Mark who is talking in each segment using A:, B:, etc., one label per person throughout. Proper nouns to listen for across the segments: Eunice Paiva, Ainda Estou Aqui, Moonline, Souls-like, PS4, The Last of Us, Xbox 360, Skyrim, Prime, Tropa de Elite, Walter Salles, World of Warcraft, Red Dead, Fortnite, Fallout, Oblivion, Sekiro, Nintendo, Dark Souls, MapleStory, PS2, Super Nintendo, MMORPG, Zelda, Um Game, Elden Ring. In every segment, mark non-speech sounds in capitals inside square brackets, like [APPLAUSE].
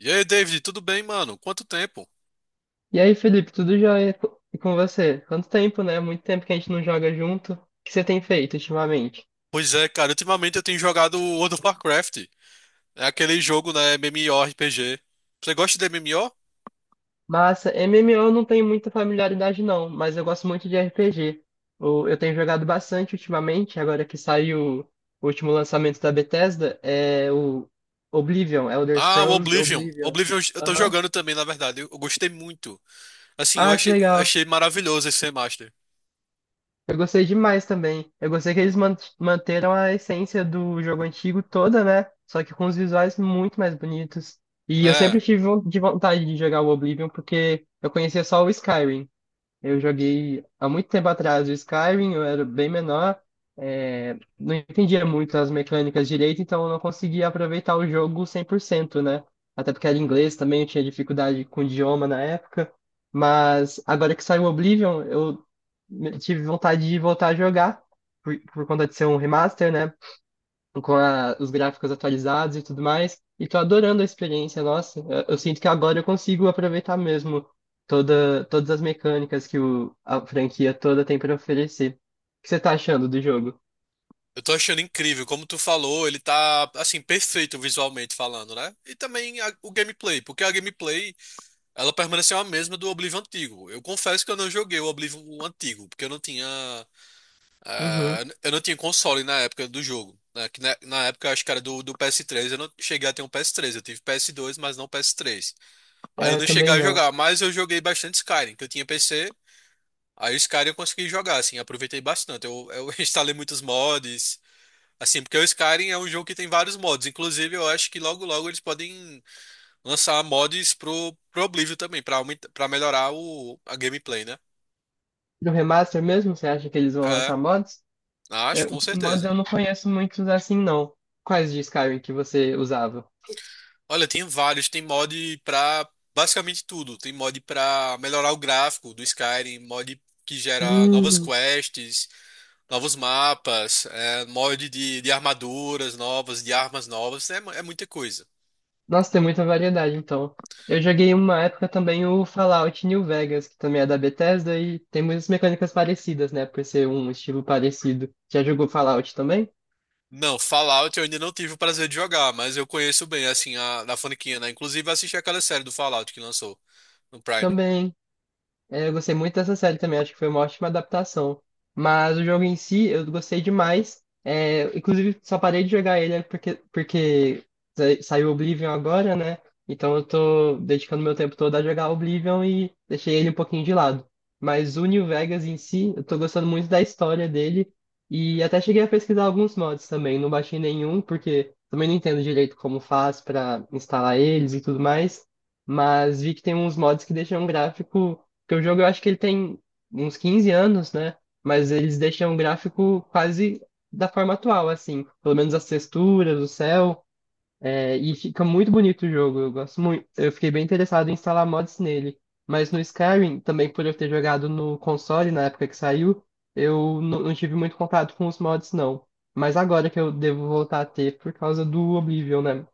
A: E aí, David, tudo bem, mano? Quanto tempo?
B: E aí, Felipe, tudo jóia? E com você? Quanto tempo, né? Muito tempo que a gente não joga junto. O que você tem feito ultimamente?
A: Pois é, cara, ultimamente eu tenho jogado World of Warcraft. É aquele jogo, né, MMORPG. Você gosta de MMO?
B: Massa, MMO eu não tenho muita familiaridade não, mas eu gosto muito de RPG. Eu tenho jogado bastante ultimamente, agora que saiu o último lançamento da Bethesda, é o Oblivion, Elder
A: Ah, o
B: Scrolls
A: Oblivion.
B: Oblivion.
A: Oblivion eu tô
B: Aham.
A: jogando também, na verdade. Eu gostei muito. Assim, eu
B: Ah, que
A: achei,
B: legal.
A: achei maravilhoso esse remaster.
B: Eu gostei demais também. Eu gostei que eles manteram a essência do jogo antigo toda, né? Só que com os visuais muito mais bonitos. E eu
A: É,
B: sempre tive von- de vontade de jogar o Oblivion, porque eu conhecia só o Skyrim. Eu joguei há muito tempo atrás o Skyrim, eu era bem menor, não entendia muito as mecânicas direito, então eu não conseguia aproveitar o jogo 100%, né? Até porque era inglês também, eu tinha dificuldade com o idioma na época. Mas agora que saiu o Oblivion, eu tive vontade de voltar a jogar, por conta de ser um remaster, né? Com os gráficos atualizados e tudo mais, e tô adorando a experiência. Nossa, eu sinto que agora eu consigo aproveitar mesmo todas as mecânicas que a franquia toda tem para oferecer. O que você tá achando do jogo?
A: eu tô achando incrível. Como tu falou, ele tá, assim, perfeito visualmente falando, né? E também o gameplay, porque a gameplay, ela permaneceu a mesma do Oblivion antigo. Eu confesso que eu não joguei o Oblivion antigo, porque eu não tinha. Ah,
B: Uhum.
A: eu não tinha console na época do jogo, né? Que na época eu acho que era do PS3. Eu não cheguei a ter um PS3. Eu tive PS2, mas não PS3. Aí
B: É,
A: eu
B: eu
A: não cheguei
B: também
A: a
B: não.
A: jogar, mas eu joguei bastante Skyrim, que eu tinha PC. Aí o Skyrim eu consegui jogar, assim, aproveitei bastante. Eu [LAUGHS] instalei muitos mods, assim, porque o Skyrim é um jogo que tem vários mods. Inclusive, eu acho que logo logo eles podem lançar mods pro Oblivion também, pra melhorar a gameplay, né?
B: No remaster mesmo, você acha que eles vão
A: É,
B: lançar mods?
A: acho, com
B: Mods
A: certeza.
B: eu não conheço muitos assim, não. Quais de Skyrim que você usava?
A: Olha, tem vários. Tem mod pra basicamente tudo. Tem mod pra melhorar o gráfico do Skyrim, mod que gera novas
B: Hum.
A: quests, novos mapas, mod de armaduras novas, de armas novas. É, é muita coisa.
B: Nossa, tem muita variedade, então. Eu joguei uma época também o Fallout New Vegas, que também é da Bethesda, e tem muitas mecânicas parecidas, né? Por ser um estilo parecido. Já jogou Fallout também?
A: Não, Fallout eu ainda não tive o prazer de jogar, mas eu conheço bem, assim, da Fonequinha, né? Inclusive, eu assisti aquela série do Fallout que lançou no Prime.
B: Também. É, eu gostei muito dessa série também, acho que foi uma ótima adaptação. Mas o jogo em si, eu gostei demais. É, inclusive, só parei de jogar ele porque saiu Oblivion agora, né? Então eu tô dedicando meu tempo todo a jogar Oblivion e deixei ele um pouquinho de lado. Mas o New Vegas em si, eu tô gostando muito da história dele. E até cheguei a pesquisar alguns mods também. Não baixei nenhum, porque também não entendo direito como faz pra instalar eles e tudo mais. Mas vi que tem uns mods que deixam um gráfico. Porque o jogo eu acho que ele tem uns 15 anos, né? Mas eles deixam o gráfico quase da forma atual, assim. Pelo menos as texturas, o céu. É, e fica muito bonito o jogo. Eu gosto muito. Eu fiquei bem interessado em instalar mods nele. Mas no Skyrim, também por eu ter jogado no console na época que saiu, eu não tive muito contato com os mods, não. Mas agora que eu devo voltar a ter por causa do Oblivion, né?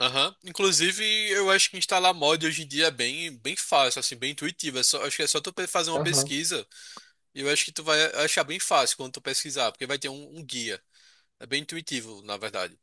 A: Aham. Inclusive, eu acho que instalar mod hoje em dia é bem, bem fácil, assim, bem intuitivo. Acho que é só tu fazer uma
B: Aham.
A: pesquisa. E eu acho que tu vai achar bem fácil quando tu pesquisar, porque vai ter um guia. É bem intuitivo, na verdade.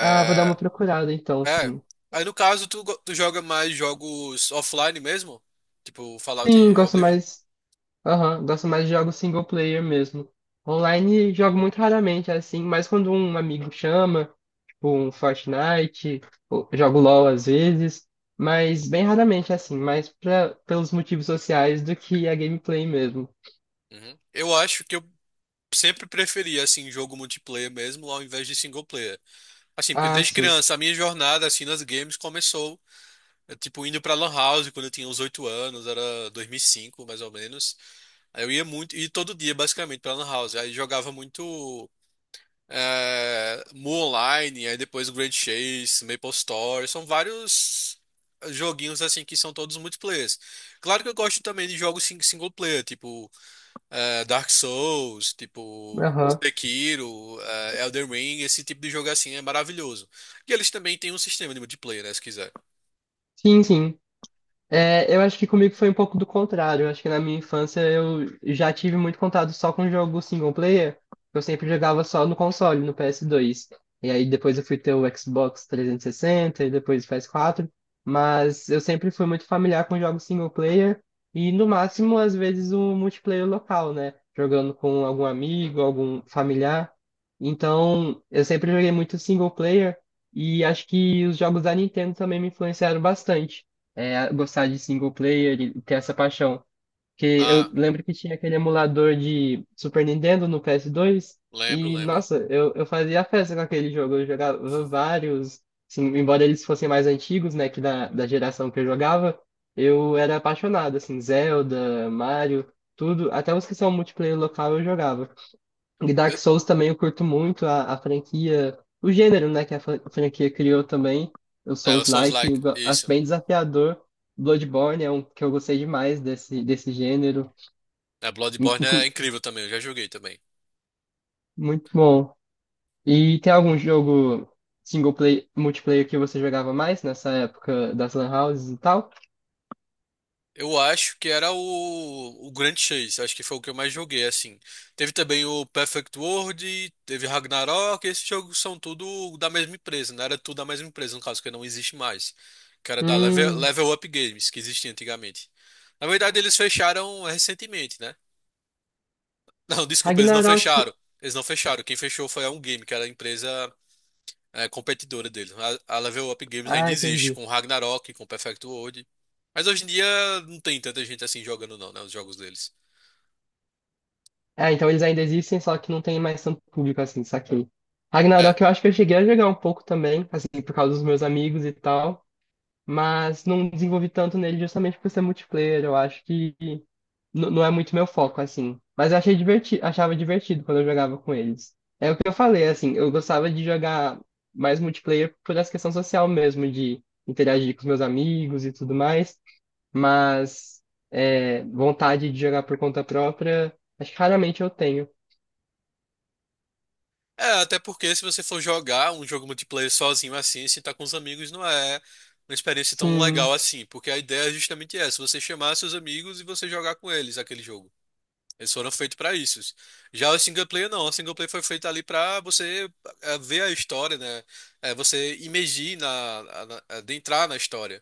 B: Ah, vou dar uma procurada então,
A: é.
B: assim.
A: Aí no caso, tu joga mais jogos offline mesmo? Tipo Fallout
B: Sim,
A: e
B: gosto
A: Oblivion?
B: mais. Aham, gosto mais de jogos single player mesmo. Online jogo muito raramente, assim, mas quando um amigo chama, tipo um Fortnite, jogo LOL às vezes, mas bem raramente, assim, mais pelos motivos sociais do que a gameplay mesmo.
A: Uhum. Eu acho que eu sempre preferi, assim, jogo multiplayer mesmo, ao invés de single player. Assim, porque
B: Ah,
A: desde
B: sim.
A: criança, a minha jornada, assim, nas games começou, tipo, indo pra Lan House quando eu tinha uns 8 anos, era 2005 mais ou menos. Aí eu ia muito, e todo dia, basicamente, pra Lan House. Aí jogava muito Moonline, aí depois o Grand Chase, MapleStory, são vários joguinhos assim que são todos multiplayers. Claro que eu gosto também de jogos single player, tipo Dark Souls, tipo
B: Aham.
A: Sekiro, Elden Ring, esse tipo de jogo assim é maravilhoso. E eles também têm um sistema de multiplayer, né, se quiser.
B: Sim, sim. É, eu acho que comigo foi um pouco do contrário. Eu acho que na minha infância eu já tive muito contato só com jogo single player. Eu sempre jogava só no console, no PS2. E aí depois eu fui ter o Xbox 360 e sessenta e depois o PS4. Mas eu sempre fui muito familiar com jogos single player e no máximo às vezes um multiplayer local, né? Jogando com algum amigo, algum familiar. Então eu sempre joguei muito single player e acho que os jogos da Nintendo também me influenciaram bastante é, gostar de single player e ter essa paixão. Porque eu
A: Ah,
B: lembro que tinha aquele emulador de Super Nintendo no PS2
A: lembro, lembro.
B: nossa, eu fazia festa com aquele jogo. Eu jogava vários, assim, embora eles fossem mais antigos, né, da geração que eu jogava, eu era apaixonado, assim, Zelda, Mario, tudo. Até os que são multiplayer local eu jogava. E Dark
A: Eu,
B: Souls também eu curto muito a franquia, o gênero, né, que a franquia criou também, o
A: o
B: Souls-like,
A: Souls-like,
B: acho
A: isso.
B: bem desafiador. Bloodborne é um que eu gostei demais desse gênero,
A: É, Bloodborne é
B: inclu-
A: incrível também, eu já joguei também.
B: muito bom. E tem algum jogo multiplayer que você jogava mais nessa época das lan houses e tal?
A: Eu acho que era o Grand Chase, acho que foi o que eu mais joguei, assim. Teve também o Perfect World, teve Ragnarok, esses jogos são tudo da mesma empresa, não era tudo da mesma empresa, no caso, que não existe mais. Que era da
B: Hum.
A: Level Up Games, que existia antigamente. Na verdade, eles fecharam recentemente, né? [LAUGHS] Não, desculpa, eles não
B: Ragnarok.
A: fecharam. Eles não fecharam. Quem fechou foi a Um Game, que era a empresa competidora dele. A Level Up Games ainda
B: Ah,
A: existe,
B: entendi.
A: com Ragnarok, com Perfect World. Mas hoje em dia não tem tanta gente assim jogando não, né? Os jogos deles.
B: É, então eles ainda existem, só que não tem mais tanto público assim, saquei.
A: É.
B: Ragnarok eu acho que eu cheguei a jogar um pouco também, assim, por causa dos meus amigos e tal, mas não desenvolvi tanto nele justamente por ser multiplayer, eu acho que não é muito meu foco, assim. Mas eu achei divertido, achava divertido quando eu jogava com eles. É o que eu falei, assim, eu gostava de jogar mais multiplayer por essa questão social mesmo, de interagir com os meus amigos e tudo mais, mas vontade de jogar por conta própria, acho que raramente eu tenho.
A: É, até porque se você for jogar um jogo multiplayer sozinho assim, se tá com os amigos, não é uma experiência tão legal
B: Sim.
A: assim. Porque a ideia é justamente essa, você chamar seus amigos e você jogar com eles aquele jogo. Eles foram feitos pra isso. Já o single player não, o single player foi feito ali pra você ver a história, né? É, você imergir adentrar na história.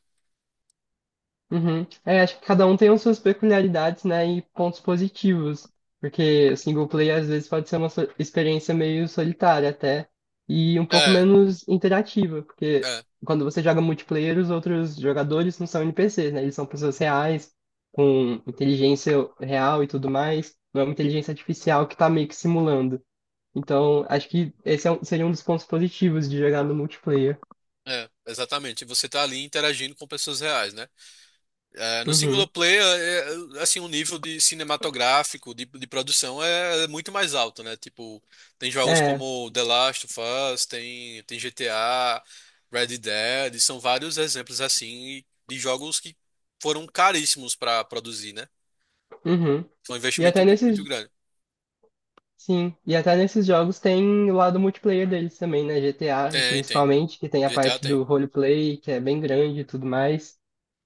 B: Uhum. É, acho que cada um tem as suas peculiaridades, né, e pontos positivos. Porque single player às vezes pode ser uma experiência meio solitária até e um pouco
A: É,
B: menos interativa, porque
A: É,
B: quando você joga multiplayer, os outros jogadores não são NPCs, né? Eles são pessoas reais, com inteligência real e tudo mais. Não é uma inteligência artificial que tá meio que simulando. Então, acho que esse é seria um dos pontos positivos de jogar no multiplayer.
A: é, exatamente. Você tá ali interagindo com pessoas reais, né? É, no single
B: Uhum.
A: player, assim, o nível de cinematográfico, de produção é muito mais alto, né? Tipo, tem jogos
B: É.
A: como The Last of Us, tem GTA, Red Dead, são vários exemplos assim de jogos que foram caríssimos pra produzir, né?
B: Uhum.
A: Foi um
B: E
A: investimento
B: até
A: muito
B: nesses
A: grande.
B: Sim, e até nesses jogos tem o lado multiplayer deles também, né? GTA,
A: Tem, tem.
B: principalmente, que tem a
A: GTA
B: parte
A: tem.
B: do roleplay, que é bem grande e tudo mais.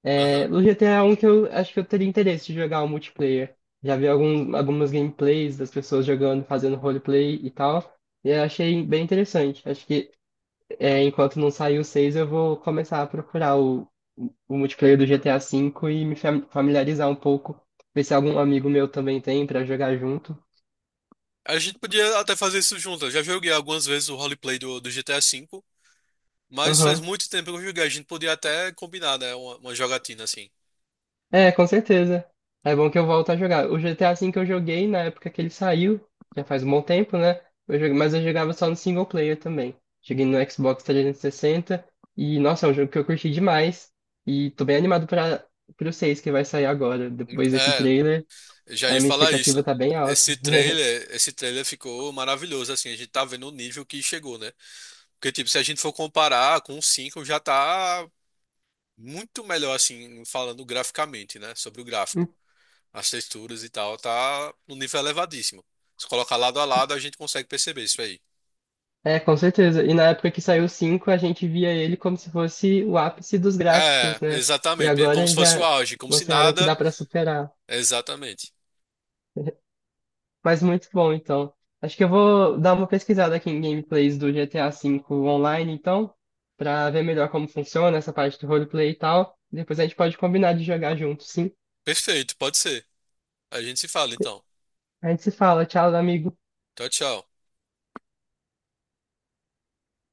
B: É,
A: Aham.
B: o GTA é um que eu acho que eu teria interesse de jogar o multiplayer. Já vi algumas gameplays das pessoas jogando, fazendo roleplay e tal. E eu achei bem interessante. Acho que enquanto não sair o 6 eu vou começar a procurar o multiplayer do GTA V e me familiarizar um pouco, ver se algum amigo meu também tem pra jogar junto.
A: A gente podia até fazer isso junto. Eu já joguei algumas vezes o roleplay do GTA V. Mas faz
B: Aham.
A: muito tempo que eu joguei. A gente podia até combinar, né? Uma jogatina assim.
B: É, com certeza. É bom que eu volto a jogar. O GTA V que eu joguei na época que ele saiu, já faz um bom tempo, né? Mas eu jogava só no single player também. Cheguei no Xbox 360 e, sessenta e, nossa, é um jogo que eu curti demais. E tô bem animado para pro 6 que vai sair agora, depois desse
A: É,
B: trailer.
A: eu já
B: A
A: ia
B: minha
A: falar isso,
B: expectativa
A: né?
B: tá bem alta.
A: Esse
B: [LAUGHS]
A: trailer, esse trailer ficou maravilhoso, assim. A gente tá vendo o nível que chegou, né? Porque, tipo, se a gente for comparar com o 5, já tá muito melhor, assim, falando graficamente, né? Sobre o gráfico. As texturas e tal, tá no nível elevadíssimo. Se colocar lado a lado, a gente consegue perceber isso aí.
B: É, com certeza. E na época que saiu o 5, a gente via ele como se fosse o ápice dos
A: É,
B: gráficos, né? E
A: exatamente. Como se
B: agora
A: fosse o
B: já
A: auge, como se
B: mostraram que
A: nada.
B: dá pra superar.
A: Exatamente.
B: Mas muito bom, então. Acho que eu vou dar uma pesquisada aqui em gameplays do GTA V online, então, pra ver melhor como funciona essa parte do roleplay e tal. Depois a gente pode combinar de jogar junto, sim.
A: Perfeito, pode ser. A gente se fala então.
B: A gente se fala. Tchau, amigo.
A: Tchau, tchau.